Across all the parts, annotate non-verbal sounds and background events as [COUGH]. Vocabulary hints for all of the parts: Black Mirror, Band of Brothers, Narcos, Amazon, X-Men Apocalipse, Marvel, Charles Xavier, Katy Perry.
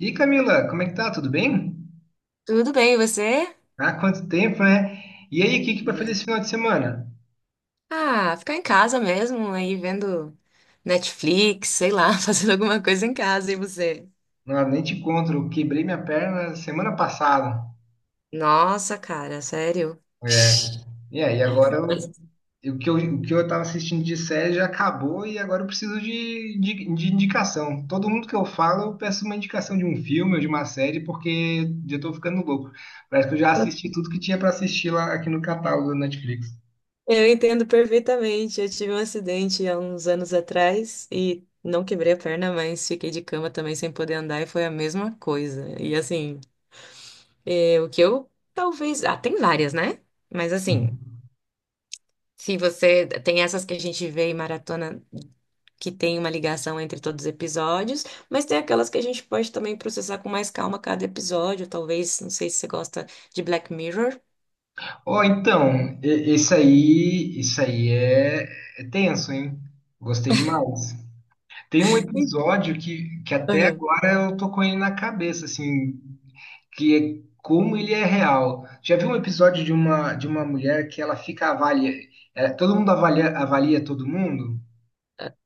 E Camila, como é que tá? Tudo bem? Tudo bem, e você? Ah, quanto tempo, né? E aí, o que que vai fazer Ui. esse final de semana? Ah, ficar em casa mesmo, aí vendo Netflix, sei lá, [LAUGHS] fazendo alguma coisa em casa, e você? Não, nem te conto, eu quebrei minha perna semana passada. Nossa, cara, sério? [LAUGHS] É. E aí, agora eu, mas- o que eu tava assistindo de série já acabou e agora eu preciso de indicação. Todo mundo que eu falo, eu peço uma indicação de um filme ou de uma série, porque eu já tô ficando louco. Parece que eu já assisti tudo que tinha pra assistir lá aqui no catálogo da Netflix. Eu entendo perfeitamente. Eu tive um acidente há uns anos atrás e não quebrei a perna, mas fiquei de cama também sem poder andar e foi a mesma coisa. E assim, é, o que eu talvez. Ah, tem várias, né? Mas assim, se você tem essas que a gente vê em maratona. Que tem uma ligação entre todos os episódios, mas tem aquelas que a gente pode também processar com mais calma cada episódio, talvez, não sei se você gosta de Black Mirror. Ó, então, e- esse aí, isso aí é, é tenso, hein? Gostei demais. Tem um Sim. episódio que até Aham, agora eu tô com ele na cabeça, assim, que é como ele é real. Já vi um episódio de uma mulher que ela fica avalia, todo mundo avalia, avalia todo mundo?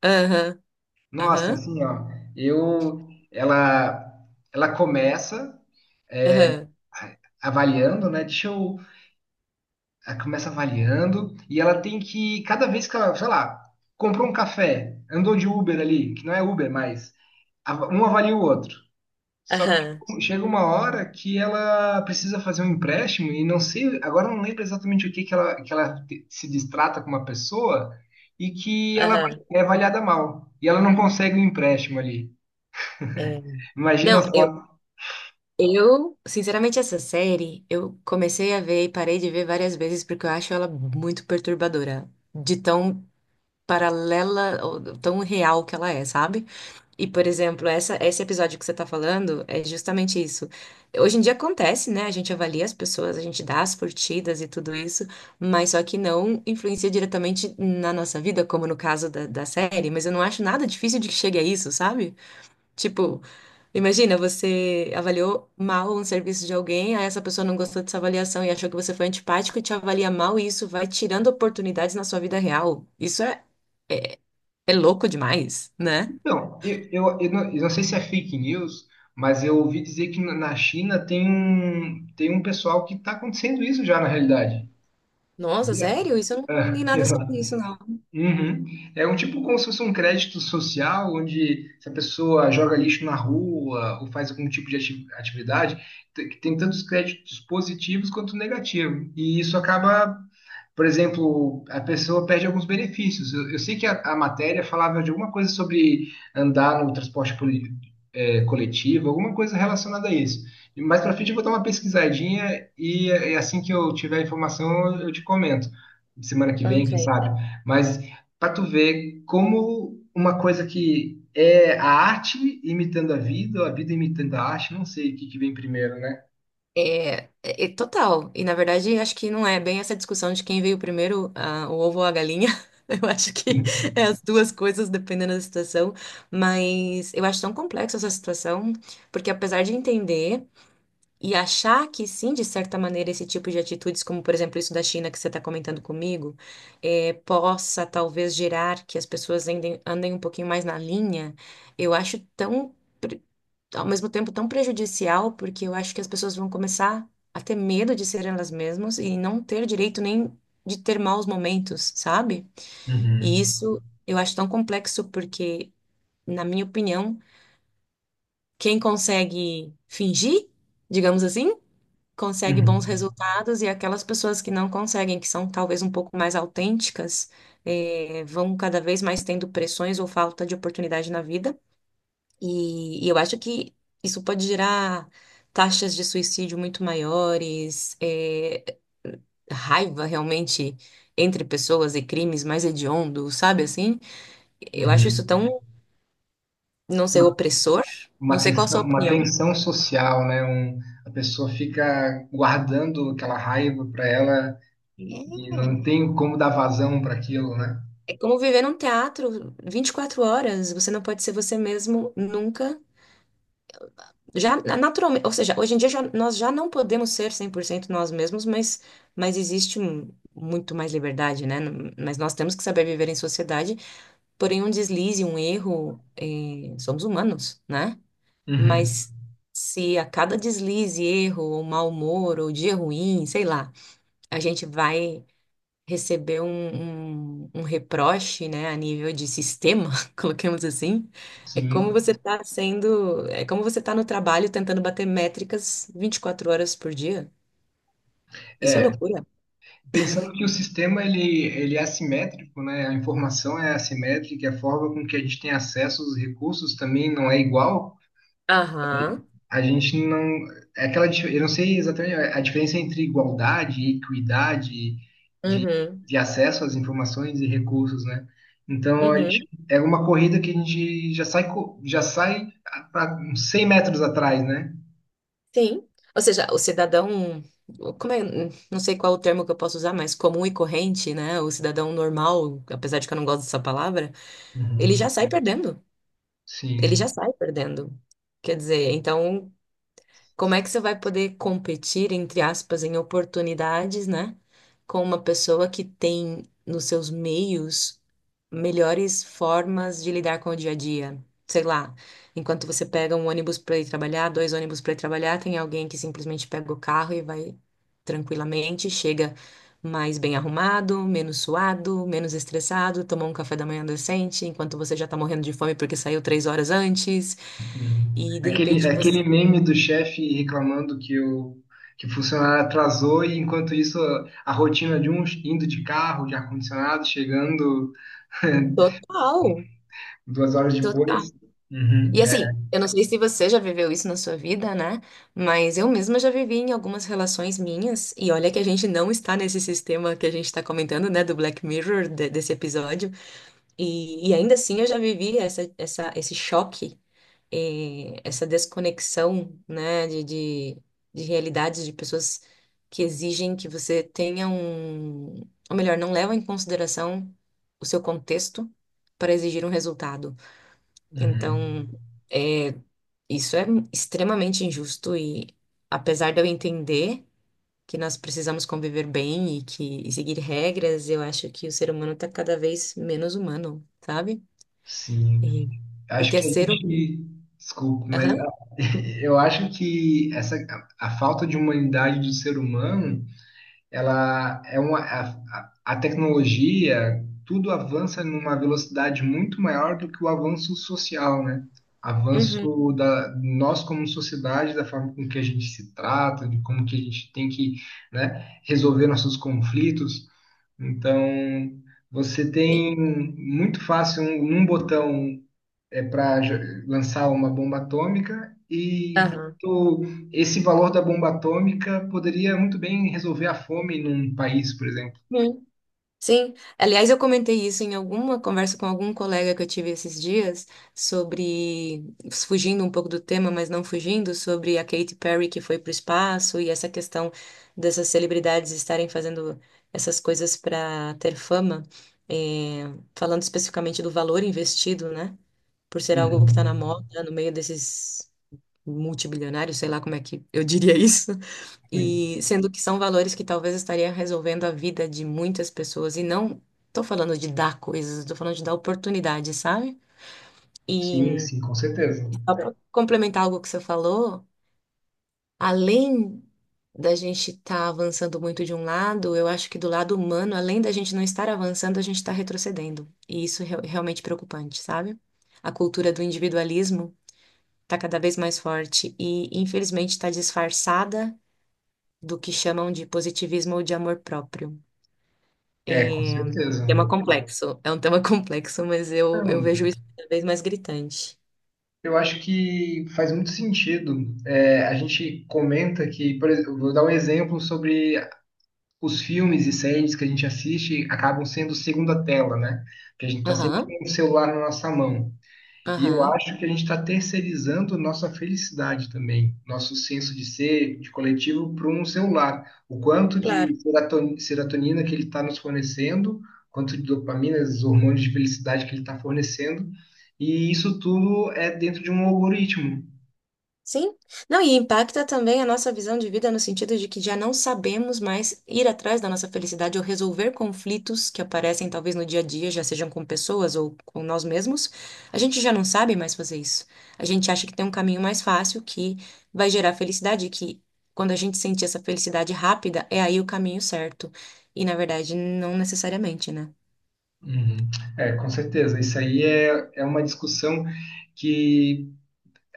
aham, Nossa, aham, assim, ó, eu, ela começa aham, avaliando, né? Deixa eu. Ela começa avaliando e ela tem que, cada vez que ela, sei lá, comprou um café, andou de Uber ali, que não é Uber mais, um avalia o outro. Só aham, que chega uma hora que ela precisa fazer um empréstimo e não sei, agora eu não lembro exatamente o que que ela, se distrata com uma pessoa e aham. é avaliada mal. E ela não consegue o empréstimo ali. É. Imagina Não, eu, só. eu, sinceramente, essa série eu comecei a ver e parei de ver várias vezes porque eu acho ela muito perturbadora, de tão paralela, ou tão real que ela é, sabe? E, por exemplo, esse episódio que você está falando é justamente isso. Hoje em dia acontece, né? A gente avalia as pessoas, a gente dá as curtidas e tudo isso, mas só que não influencia diretamente na nossa vida, como no caso da série. Mas eu não acho nada difícil de que chegue a isso, sabe? Tipo, imagina, você avaliou mal um serviço de alguém, aí essa pessoa não gostou dessa avaliação e achou que você foi antipático e te avalia mal, e isso vai tirando oportunidades na sua vida real. Isso é louco demais, né? Então, eu não sei se é fake news, mas eu ouvi dizer que na China tem um pessoal que está acontecendo isso já na realidade, Nossa, sabia? sério? Isso eu não li É, [LAUGHS] nada sobre exato. isso, não. Uhum. É um tipo como se fosse um crédito social, onde se a pessoa joga lixo na rua ou faz algum tipo de atividade, que tem tantos créditos positivos quanto negativos. E isso acaba, por exemplo, a pessoa perde alguns benefícios. Eu sei que a matéria falava de alguma coisa sobre andar no transporte é, coletivo, alguma coisa relacionada a isso. E mais para frente eu vou dar uma pesquisadinha e, é, assim que eu tiver a informação eu te comento. Semana que vem, quem Ok. sabe. Mas para tu ver como uma coisa que é a arte imitando a vida, ou a vida imitando a arte, não sei o que que vem primeiro, né? É, é total. E na verdade, acho que não é bem essa discussão de quem veio primeiro, o ovo ou a galinha. [LAUGHS] Eu acho que é Uhum, as duas coisas, dependendo da situação. Mas eu acho tão complexa essa situação, porque apesar de entender e achar que sim, de certa maneira, esse tipo de atitudes, como por exemplo isso da China que você está comentando comigo, é, possa talvez gerar que as pessoas andem, andem um pouquinho mais na linha, eu acho tão. Ao mesmo tempo tão prejudicial, porque eu acho que as pessoas vão começar a ter medo de ser elas mesmas e não ter direito nem de ter maus momentos, sabe? E isso eu acho tão complexo porque, na minha opinião, quem consegue fingir, digamos assim, consegue bons uhum, resultados e aquelas pessoas que não conseguem, que são talvez um pouco mais autênticas, vão cada vez mais tendo pressões ou falta de oportunidade na vida. E eu acho que isso pode gerar taxas de suicídio muito maiores, é, raiva realmente entre pessoas e crimes mais hediondos, sabe assim? Eu acho isso uhum. tão, não sei, opressor. Não Uma sei qual a tensão, sua uma opinião. tensão social, né? Um, a pessoa fica guardando aquela raiva para ela e não É. tem como dar vazão para aquilo, né? É como viver num teatro 24 horas. Você não pode ser você mesmo nunca. Já naturalmente, ou seja, hoje em dia nós já não podemos ser 100% nós mesmos, mas, existe muito mais liberdade, né? Mas nós temos que saber viver em sociedade, porém um deslize, um erro, somos humanos, né? Uhum. Mas se a cada deslize, erro, ou mau humor, ou dia ruim, sei lá, a gente vai recebeu um reproche, né, a nível de sistema, [LAUGHS] coloquemos assim, é como você Sim. está sendo, é como você está no trabalho tentando bater métricas 24 horas por dia. Isso é É, loucura. pensando que o sistema ele é assimétrico, né? A informação é assimétrica, a forma com que a gente tem acesso aos recursos também não é igual. Aham. A gente não. É aquela, eu não sei exatamente a diferença entre igualdade e equidade de, Uhum. de acesso às informações e recursos, né? Então, a gente, Uhum. é uma corrida que a gente já sai para 100 metros atrás, né? Sim. Ou seja, o cidadão, como é, não sei qual o termo que eu posso usar, mas comum e corrente, né? O cidadão normal, apesar de que eu não gosto dessa palavra, ele já Uhum, sai perdendo. Ele já Sim, sai perdendo. Quer dizer, então, como é que você vai poder competir, entre aspas, em oportunidades, né? Com uma pessoa que tem nos seus meios melhores formas de lidar com o dia a dia? Sei lá, enquanto você pega um ônibus para ir trabalhar, dois ônibus para ir trabalhar, tem alguém que simplesmente pega o carro e vai tranquilamente, chega mais bem arrumado, menos suado, menos estressado, tomou um café da manhã decente, enquanto você já tá morrendo de fome porque saiu 3 horas antes, uhum. e de Aquele, repente aquele você. meme do chefe reclamando que o funcionário atrasou e, enquanto isso, a rotina de um indo de carro, de ar-condicionado, chegando [LAUGHS] Total. duas horas Total. depois, uhum, E é, assim, eu não sei se você já viveu isso na sua vida, né? Mas eu mesma já vivi em algumas relações minhas, e olha que a gente não está nesse sistema que a gente está comentando, né? Do Black Mirror, desse episódio. E ainda assim eu já vivi essa, essa, esse choque, essa desconexão, né? De realidades de pessoas que exigem que você tenha um. Ou melhor, não levam em consideração o seu contexto para exigir um resultado. Então. uhum. Isso é extremamente injusto e, apesar de eu entender que nós precisamos conviver bem e que e seguir regras, eu acho que o ser humano está cada vez menos humano, sabe? Sim. E- Acho Porque é que a ser humano. gente. Desculpa, mas Aham. [LAUGHS] Eu acho que essa, a falta de humanidade do ser humano ela é a tecnologia, tudo avança numa velocidade muito maior do que o avanço social, né? Uhum. Avanço da nós como sociedade, da forma com que a gente se trata, de como que a gente tem que, né, resolver nossos conflitos. Então, você E- tem muito fácil um, num botão para lançar uma bomba atômica e Aham. enquanto esse valor da bomba atômica poderia muito bem resolver a fome num país, por exemplo. Sim, aliás, eu comentei isso em alguma conversa com algum colega que eu tive esses dias sobre, fugindo um pouco do tema, mas não fugindo, sobre a Katy Perry que foi para o espaço e essa questão dessas celebridades estarem fazendo essas coisas para ter fama, eh, falando especificamente do valor investido, né? Por ser algo que está na Uhum. moda, no meio desses multibilionários, sei lá como é que eu diria [LAUGHS] isso. E sendo que são valores que talvez estaria resolvendo a vida de muitas pessoas. E não tô falando de dar coisas, tô falando de dar oportunidade, sabe? Sim, E sim, com certeza. só para complementar algo que você falou, além da gente estar avançando muito de um lado, eu acho que do lado humano, além da gente não estar avançando, a gente está retrocedendo. E isso é realmente preocupante, sabe? A cultura do individualismo está cada vez mais forte e, infelizmente, está disfarçada do que chamam de positivismo ou de amor próprio. É, com É, certeza. tema complexo. É um tema [LAUGHS] complexo, mas eu Então, vejo isso cada vez mais gritante. eu acho que faz muito sentido. É, a gente comenta que, por exemplo, vou dar um exemplo sobre os filmes e séries que a gente assiste acabam sendo segunda tela, né? Porque a gente está sempre Aham, com o celular na nossa mão. E eu aham. acho que a gente está terceirizando nossa felicidade também, nosso senso de ser, de coletivo, para um celular. O quanto Claro. de serotonina que ele está nos fornecendo, quanto de dopamina, os hormônios de felicidade que ele está fornecendo, e isso tudo é dentro de um algoritmo. Sim. Não, e impacta também a nossa visão de vida no sentido de que já não sabemos mais ir atrás da nossa felicidade ou resolver conflitos que aparecem talvez no dia a dia, já sejam com pessoas ou com nós mesmos. A gente já não sabe mais fazer isso. A gente acha que tem um caminho mais fácil que vai gerar felicidade, que quando a gente sentir essa felicidade rápida, é aí o caminho certo. E na verdade, não necessariamente, né? Uhum. É, com certeza. Isso aí é, é uma discussão que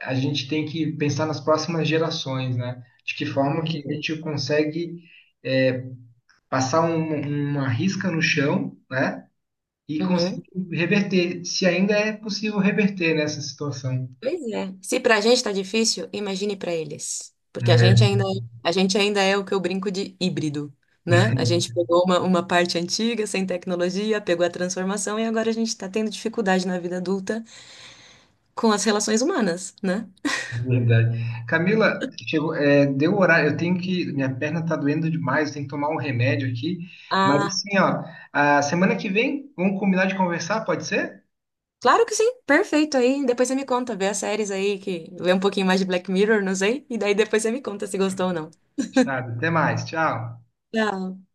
a gente tem que pensar nas próximas gerações, né? De que forma que a Uhum. gente consegue é, passar uma risca no chão, né? E conseguir Uhum. reverter, se ainda é possível reverter nessa situação. Pois é. Se pra gente tá difícil, imagine pra eles. Porque a gente É, ainda, a gente ainda é o que eu brinco de híbrido, né? A gente [LAUGHS] pegou uma parte antiga, sem tecnologia, pegou a transformação e agora a gente está tendo dificuldade na vida adulta com as relações humanas, né? verdade. Camila, chegou, é, deu o horário, eu tenho que, minha perna tá doendo demais, eu tenho que tomar um remédio aqui, mas Ah, assim, ó, a semana que vem, vamos combinar de conversar, pode ser? claro que sim. Perfeito aí. Depois você me conta, vê as séries aí que vê um pouquinho mais de Black Mirror, não sei, e daí depois você me conta se gostou ou não. Fechado, até mais, tchau. Tchau.